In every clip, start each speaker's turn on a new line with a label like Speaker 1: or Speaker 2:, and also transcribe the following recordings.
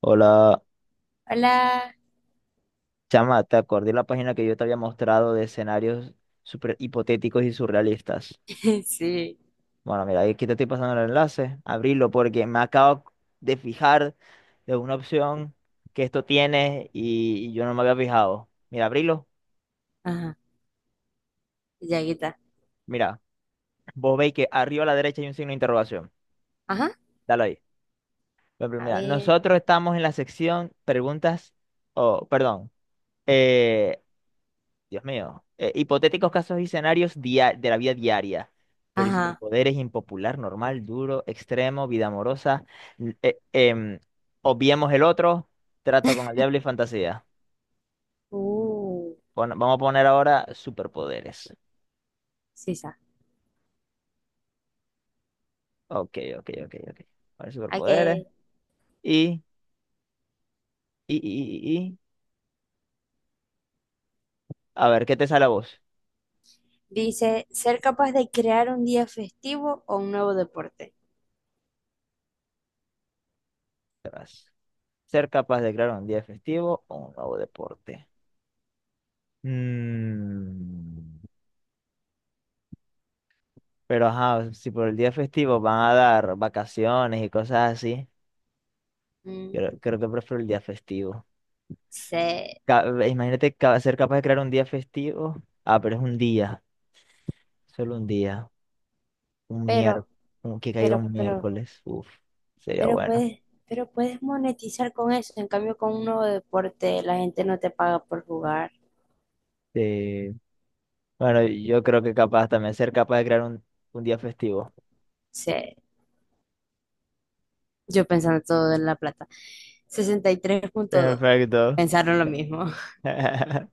Speaker 1: Hola,
Speaker 2: Hola.
Speaker 1: chama, te acordé la página que yo te había mostrado de escenarios super hipotéticos y surrealistas.
Speaker 2: Sí.
Speaker 1: Bueno, mira, aquí te estoy pasando el enlace, abrilo porque me acabo de fijar de una opción que esto tiene y yo no me había fijado. Mira, abrilo,
Speaker 2: Ajá. Llaguita.
Speaker 1: mira, vos veis que arriba a la derecha hay un signo de interrogación.
Speaker 2: Ajá.
Speaker 1: Dale ahí. Por ejemplo,
Speaker 2: A
Speaker 1: mira,
Speaker 2: ver.
Speaker 1: nosotros estamos en la sección preguntas, o perdón, eh, Dios mío. Hipotéticos casos y escenarios de la vida diaria. Pero y
Speaker 2: Ajá.
Speaker 1: superpoderes impopular, normal, duro, extremo, vida amorosa. l- eh, em, Obviemos el otro, trato con el diablo y fantasía.
Speaker 2: Uh.
Speaker 1: Vamos a poner ahora superpoderes.
Speaker 2: Sí, ya.
Speaker 1: Ok, ok, ok, ok. A superpoderes.
Speaker 2: Ok.
Speaker 1: Y, y, y, y, y- A ver, ¿qué te sale a vos?
Speaker 2: Dice, ser capaz de crear un día festivo o un nuevo deporte.
Speaker 1: Verás. Ser capaz de crear un día festivo o un nuevo deporte. Mm. Pero ajá, si por el día festivo van a dar vacaciones y cosas así,
Speaker 2: Mm,
Speaker 1: creo que prefiero el día festivo.
Speaker 2: sí.
Speaker 1: Imagínate ser capaz de crear un día festivo. Ah, pero es un día, solo un día, un
Speaker 2: Pero,
Speaker 1: miércoles, que caiga
Speaker 2: pero,
Speaker 1: un
Speaker 2: pero,
Speaker 1: miércoles. Uf, sería
Speaker 2: pero
Speaker 1: bueno.
Speaker 2: puedes, pero puedes monetizar con eso. En cambio, con un nuevo deporte, la gente no te paga por jugar.
Speaker 1: Sí. Bueno, yo creo que capaz también ser capaz de crear un día festivo.
Speaker 2: Sí. Yo pensando todo en la plata. 63,2.
Speaker 1: Perfecto.
Speaker 2: Pensaron lo mismo.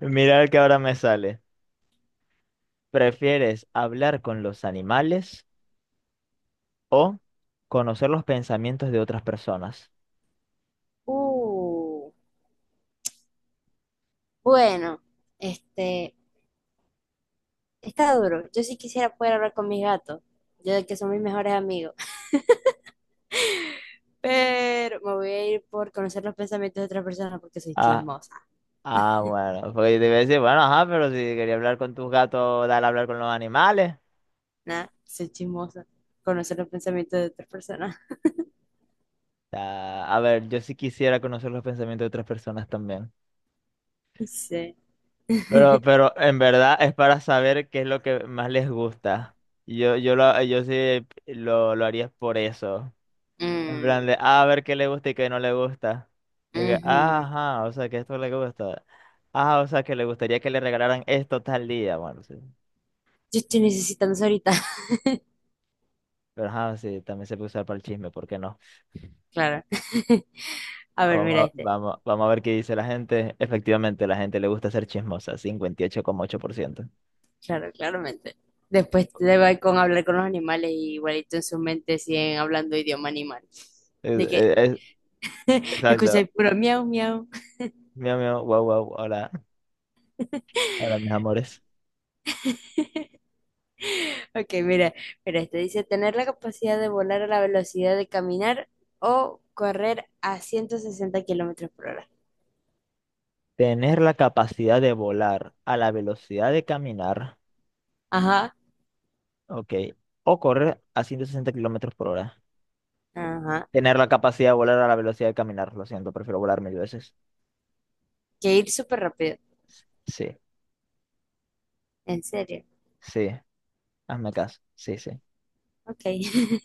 Speaker 1: Mira el que ahora me sale. ¿Prefieres hablar con los animales, o conocer los pensamientos de otras personas?
Speaker 2: Uh. Bueno, este, está duro. Yo sí quisiera poder hablar con mis gatos, yo que son mis mejores amigos, pero me voy a ir por conocer los pensamientos de otras personas porque soy
Speaker 1: Ah,
Speaker 2: chismosa,
Speaker 1: ah, bueno, porque yo te iba a decir, bueno, ajá, pero si quería hablar con tus gatos, dale a hablar con los animales.
Speaker 2: ¿no? Soy chismosa. Conocer los pensamientos de otras personas.
Speaker 1: Ah, a ver, yo sí quisiera conocer los pensamientos de otras personas también.
Speaker 2: Sí.
Speaker 1: Pero en verdad es para saber qué es lo que más les gusta. Yo sí lo haría por eso. En
Speaker 2: Mm,
Speaker 1: plan de, a ver qué le gusta y qué no le gusta. Y que,
Speaker 2: ujú.
Speaker 1: ajá, o sea, que esto le gusta. Ah, o sea, que le gustaría que le regalaran esto tal día. Bueno, sí.
Speaker 2: Yo estoy necesitando eso ahorita.
Speaker 1: Pero ajá, sí, también se puede usar para el chisme, ¿por qué no?
Speaker 2: Claro. A
Speaker 1: Ah,
Speaker 2: ver,
Speaker 1: Vamos
Speaker 2: mira
Speaker 1: a,
Speaker 2: este.
Speaker 1: vamos, vamos a ver qué dice la gente. Efectivamente, la gente le gusta ser chismosa, 58,8%.
Speaker 2: Claro, claramente. Después te va con hablar con los animales y igualito en su mente siguen hablando idioma animal.
Speaker 1: Es-
Speaker 2: De
Speaker 1: es-
Speaker 2: que
Speaker 1: e, es- exacto.
Speaker 2: escucháis puro miau, miau.
Speaker 1: Miau, miau, guau, guau, hola, hola, mis amores.
Speaker 2: Ok, mira, mira, este dice tener la capacidad de volar a la velocidad de caminar o correr a 160 km/h.
Speaker 1: Tener la capacidad de volar a la velocidad de caminar,
Speaker 2: Ajá,
Speaker 1: ok, o correr a 160 kilómetros por hora.
Speaker 2: ajá.
Speaker 1: Tener la capacidad de volar a la velocidad de caminar, lo siento, prefiero volar mil veces.
Speaker 2: Que ir súper rápido.
Speaker 1: Sí,
Speaker 2: En serio.
Speaker 1: sí, hazme caso, sí, sí.
Speaker 2: Ok.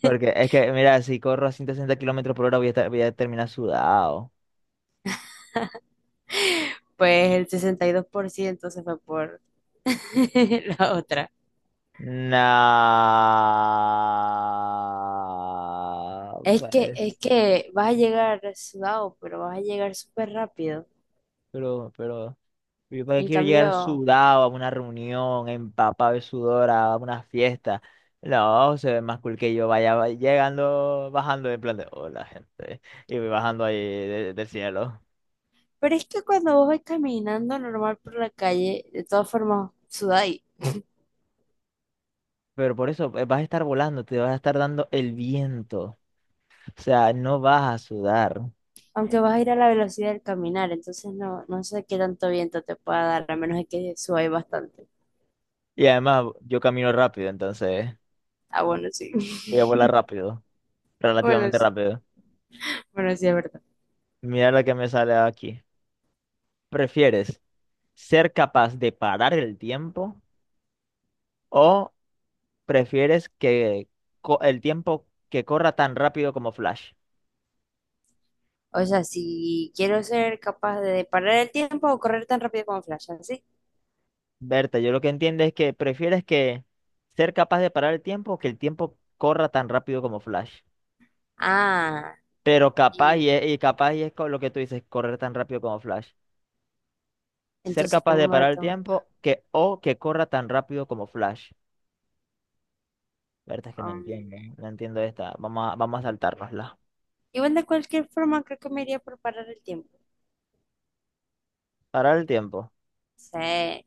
Speaker 1: Porque es que, mira, si corro a 160 kilómetros por hora voy a terminar sudado.
Speaker 2: Pues el 62% se fue por la otra.
Speaker 1: No,
Speaker 2: Es
Speaker 1: pues,
Speaker 2: que vas a llegar sudado, pero vas a llegar súper rápido.
Speaker 1: pero, pero, yo para qué
Speaker 2: En
Speaker 1: quiero llegar
Speaker 2: cambio,
Speaker 1: sudado a una reunión, empapado de sudor, a una fiesta. No, se ve más cool que yo llegando, bajando en plan de hola, gente, y voy bajando ahí del cielo.
Speaker 2: pero es que cuando vos vas caminando normal por la calle, de todas formas, sudás.
Speaker 1: Pero por eso vas a estar volando, te vas a estar dando el viento, o sea, no vas a sudar.
Speaker 2: Aunque vas a ir a la velocidad del caminar, entonces no, no sé qué tanto viento te pueda dar, a menos de que suba bastante.
Speaker 1: Y además, yo camino rápido, entonces
Speaker 2: Ah, bueno, sí.
Speaker 1: voy a volar rápido,
Speaker 2: Bueno,
Speaker 1: relativamente
Speaker 2: sí.
Speaker 1: rápido.
Speaker 2: Bueno, sí, es verdad.
Speaker 1: Mira la que me sale aquí. ¿Prefieres ser capaz de parar el tiempo, o prefieres que el tiempo que corra tan rápido como Flash?
Speaker 2: O sea, si quiero ser capaz de parar el tiempo o correr tan rápido como Flash, ¿sí?
Speaker 1: Berta, yo lo que entiendo es que prefieres que ser capaz de parar el tiempo o que el tiempo corra tan rápido como Flash.
Speaker 2: Ah,
Speaker 1: Pero capaz
Speaker 2: y
Speaker 1: y, y capaz y es con lo que tú dices, correr tan rápido como Flash. Ser
Speaker 2: entonces,
Speaker 1: capaz
Speaker 2: ¿cómo
Speaker 1: de parar el
Speaker 2: maratón?
Speaker 1: tiempo que o que corra tan rápido como Flash. La verdad es que no
Speaker 2: Um,
Speaker 1: entiendo. No entiendo esta. Vamos a saltárnosla.
Speaker 2: Igual de cualquier forma, creo que me iría por parar el tiempo.
Speaker 1: Parar el tiempo.
Speaker 2: Sí.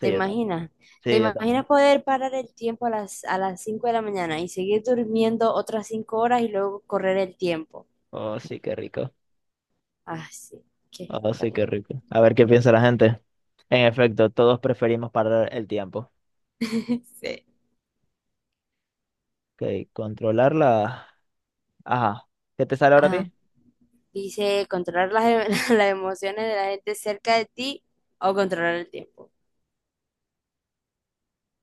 Speaker 2: ¿Te
Speaker 1: Sí, yo también.
Speaker 2: imaginas? ¿Te
Speaker 1: Sí, yo también.
Speaker 2: imaginas poder parar el tiempo a las 5 de la mañana y seguir durmiendo otras 5 horas y luego correr el tiempo?
Speaker 1: Oh, sí, qué rico.
Speaker 2: Ah, sí, qué
Speaker 1: Oh, sí, qué
Speaker 2: espectacular.
Speaker 1: rico. A ver qué piensa la gente. En efecto, todos preferimos parar el tiempo.
Speaker 2: Sí.
Speaker 1: Ok, controlar la. Ajá. ¿Qué te sale ahora a
Speaker 2: Ah,
Speaker 1: ti?
Speaker 2: dice controlar las, las emociones de la gente cerca de ti o controlar el tiempo.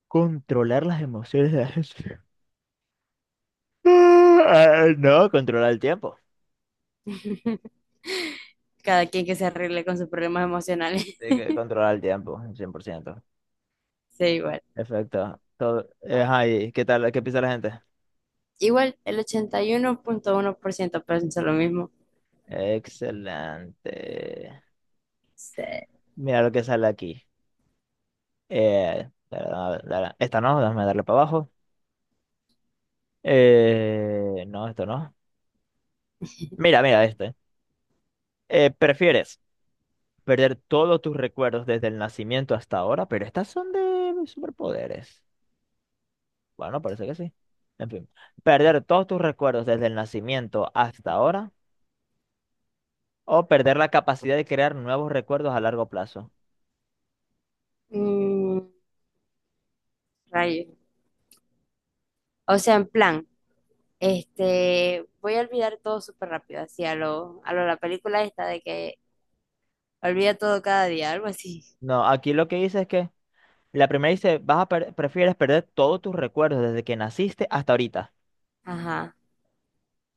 Speaker 1: Controlar las emociones de la gente. Ah, no, controlar el tiempo.
Speaker 2: Cada quien que se arregle con sus problemas emocionales.
Speaker 1: Sí, que controlar el tiempo, 100%.
Speaker 2: Sí, igual.
Speaker 1: Perfecto. Todo. Ajá, ¿y qué tal? ¿Qué piensa la gente?
Speaker 2: Igual, el 81,1% piensa lo mismo.
Speaker 1: Excelente.
Speaker 2: Sí.
Speaker 1: Mira lo que sale aquí. Esta no, déjame darle para abajo. No, esto no. Mira, mira este. ¿Prefieres perder todos tus recuerdos desde el nacimiento hasta ahora? Pero estas son de superpoderes. Bueno, parece que sí. En fin. ¿Perder todos tus recuerdos desde el nacimiento hasta ahora? ¿O perder la capacidad de crear nuevos recuerdos a largo plazo?
Speaker 2: Mm, rayos. O sea, en plan, este, voy a olvidar todo súper rápido, así a lo la película esta de que olvida todo cada día, algo así.
Speaker 1: No, aquí lo que dice es que la primera dice, prefieres perder todos tus recuerdos desde que naciste hasta ahorita.
Speaker 2: Ajá.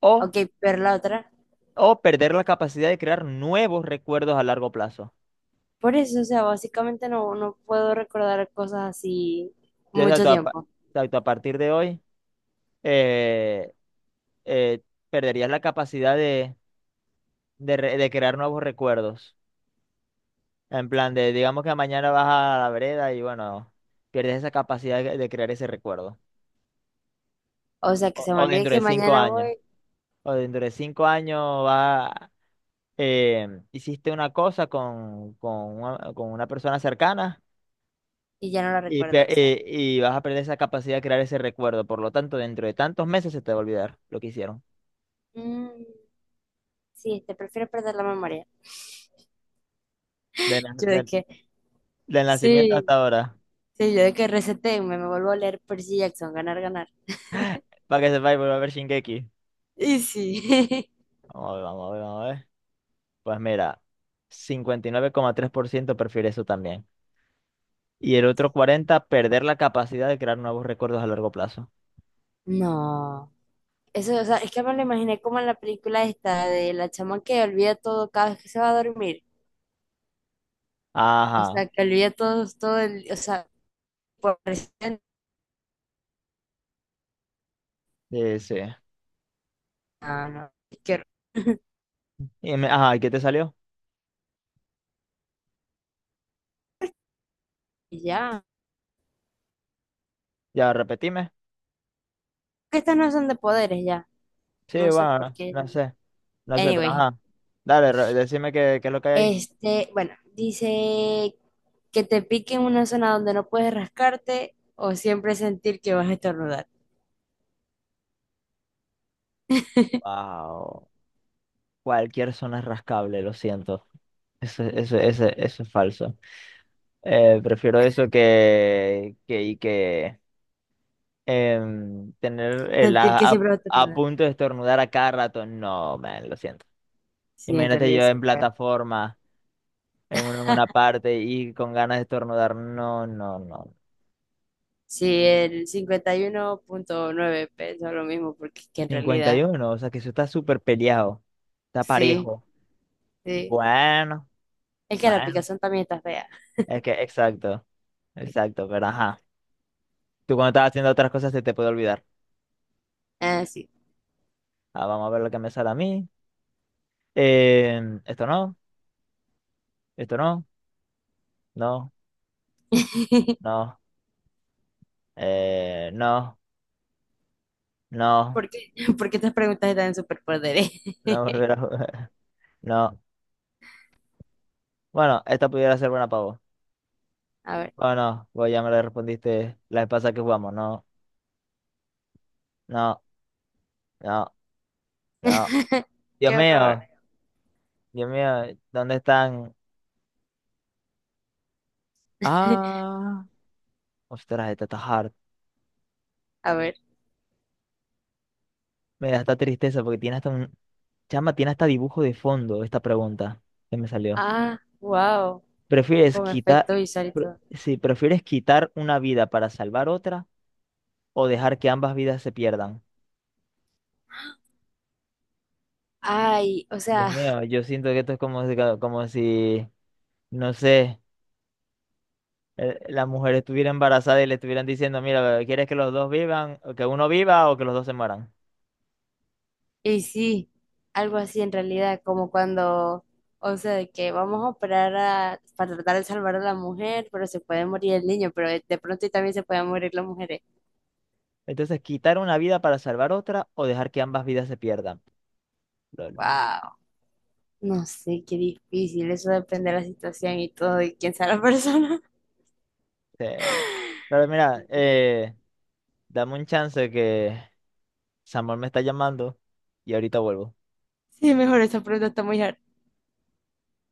Speaker 1: O
Speaker 2: Ok, pero la otra.
Speaker 1: o perder la capacidad de crear nuevos recuerdos a largo plazo.
Speaker 2: Por eso, o sea, básicamente no, no puedo recordar cosas así mucho
Speaker 1: Exacto,
Speaker 2: tiempo.
Speaker 1: a partir de hoy eh, eh, perderías la capacidad de crear nuevos recuerdos. En plan de, digamos que mañana vas a la vereda y bueno, pierdes esa capacidad de crear ese recuerdo.
Speaker 2: O sea, que
Speaker 1: O,
Speaker 2: se me
Speaker 1: o
Speaker 2: olvide
Speaker 1: dentro de
Speaker 2: que
Speaker 1: cinco
Speaker 2: mañana
Speaker 1: años.
Speaker 2: voy
Speaker 1: O dentro de cinco años va, hiciste una cosa con una persona cercana.
Speaker 2: y ya no la
Speaker 1: y,
Speaker 2: recuerdo.
Speaker 1: pe-
Speaker 2: O sea,
Speaker 1: eh, y vas a perder esa capacidad de crear ese recuerdo. Por lo tanto, dentro de tantos meses se te va a olvidar lo que hicieron.
Speaker 2: mm, sí, te prefiero perder la memoria.
Speaker 1: De na-
Speaker 2: Yo de
Speaker 1: de-
Speaker 2: que,
Speaker 1: Del nacimiento
Speaker 2: sí,
Speaker 1: hasta ahora.
Speaker 2: sí, yo de que resetéenme, me vuelvo a leer Percy Jackson, ganar, ganar.
Speaker 1: Para que sepáis, volver a ver Shingeki.
Speaker 2: Y sí.
Speaker 1: Vamos a ver, vamos a ver, vamos a ver. Pues mira, 59,3% prefiere eso también. Y el otro 40, perder la capacidad de crear nuevos recuerdos a largo plazo.
Speaker 2: No. Eso, o sea, es que me lo imaginé como en la película esta de la chama que olvida todo cada vez que se va a dormir. O
Speaker 1: Ajá,
Speaker 2: sea, que olvida todo, todo el, o sea, por presente.
Speaker 1: sí, sí.
Speaker 2: No, no, qué horror.
Speaker 1: Ajá, ¿y qué te salió?
Speaker 2: Ya.
Speaker 1: Ya, repetime.
Speaker 2: Que estas no son de poderes ya.
Speaker 1: Sí,
Speaker 2: No sé por
Speaker 1: bueno,
Speaker 2: qué.
Speaker 1: no sé, pero
Speaker 2: Anyway,
Speaker 1: ajá. Dale, decime qué, es lo que hay ahí.
Speaker 2: este, bueno, dice que te pique en una zona donde no puedes rascarte o siempre sentir que vas a estornudar.
Speaker 1: Wow. Cualquier zona es rascable, lo siento. Eso es falso. Prefiero eso que tener
Speaker 2: Sentir que siempre vas a
Speaker 1: a
Speaker 2: estornudar.
Speaker 1: punto de estornudar a cada rato. No, man, lo siento.
Speaker 2: Sí, en
Speaker 1: Imagínate
Speaker 2: realidad
Speaker 1: yo en
Speaker 2: sí. Bueno.
Speaker 1: plataforma, en una parte y con ganas de estornudar. No, no, no.
Speaker 2: Sí, el 51,9 pensó lo mismo porque es que en
Speaker 1: Cincuenta y
Speaker 2: realidad,
Speaker 1: uno, o sea que eso está súper peleado. Está
Speaker 2: sí,
Speaker 1: parejo.
Speaker 2: sí.
Speaker 1: Bueno,
Speaker 2: Es que la
Speaker 1: bueno.
Speaker 2: picazón también está fea.
Speaker 1: Es que, exacto, exacto, pero ajá. Tú cuando estás haciendo otras cosas se te puede olvidar.
Speaker 2: Ah, sí.
Speaker 1: Ah, vamos a ver lo que me sale a mí. Eh, Esto no, esto no, no, no, no, no,
Speaker 2: ¿Por qué? ¿Por qué estas preguntas están en superpoderes?
Speaker 1: no volver a jugar. No. Bueno, esta pudiera ser buena para vos.
Speaker 2: A ver.
Speaker 1: Oh, no, vos ya me la respondiste la vez pasada que jugamos. No, no, no, no. Dios
Speaker 2: Qué horror.
Speaker 1: mío, Dios mío, ¿dónde están? Ah, ostras, esta está hard.
Speaker 2: A ver.
Speaker 1: Me da esta tristeza porque tiene hasta un. Chama, tiene hasta dibujo de fondo esta pregunta que me salió.
Speaker 2: Ah, wow,
Speaker 1: ¿Prefieres
Speaker 2: con
Speaker 1: quitar,
Speaker 2: efecto visual y todo.
Speaker 1: si prefieres quitar una vida para salvar otra o dejar que ambas vidas se pierdan?
Speaker 2: Ay, o sea,
Speaker 1: Dios mío, yo siento que esto es como, como si, no sé, la mujer estuviera embarazada y le estuvieran diciendo, mira, ¿quieres que los dos vivan, o que uno viva o que los dos se mueran?
Speaker 2: y sí, algo así en realidad, como cuando, o sea, de que vamos a operar a- para tratar de salvar a la mujer, pero se puede morir el niño, pero de pronto y también se pueden morir las mujeres.
Speaker 1: Entonces, quitar una vida para salvar otra o dejar que ambas vidas se pierdan. Lol.
Speaker 2: Wow, no sé, qué difícil, eso depende de la situación y todo, y quién sea la persona.
Speaker 1: Eh, pero mira, dame un chance que Samuel me está llamando y ahorita vuelvo.
Speaker 2: Sí, mejor esa pregunta está muy hard.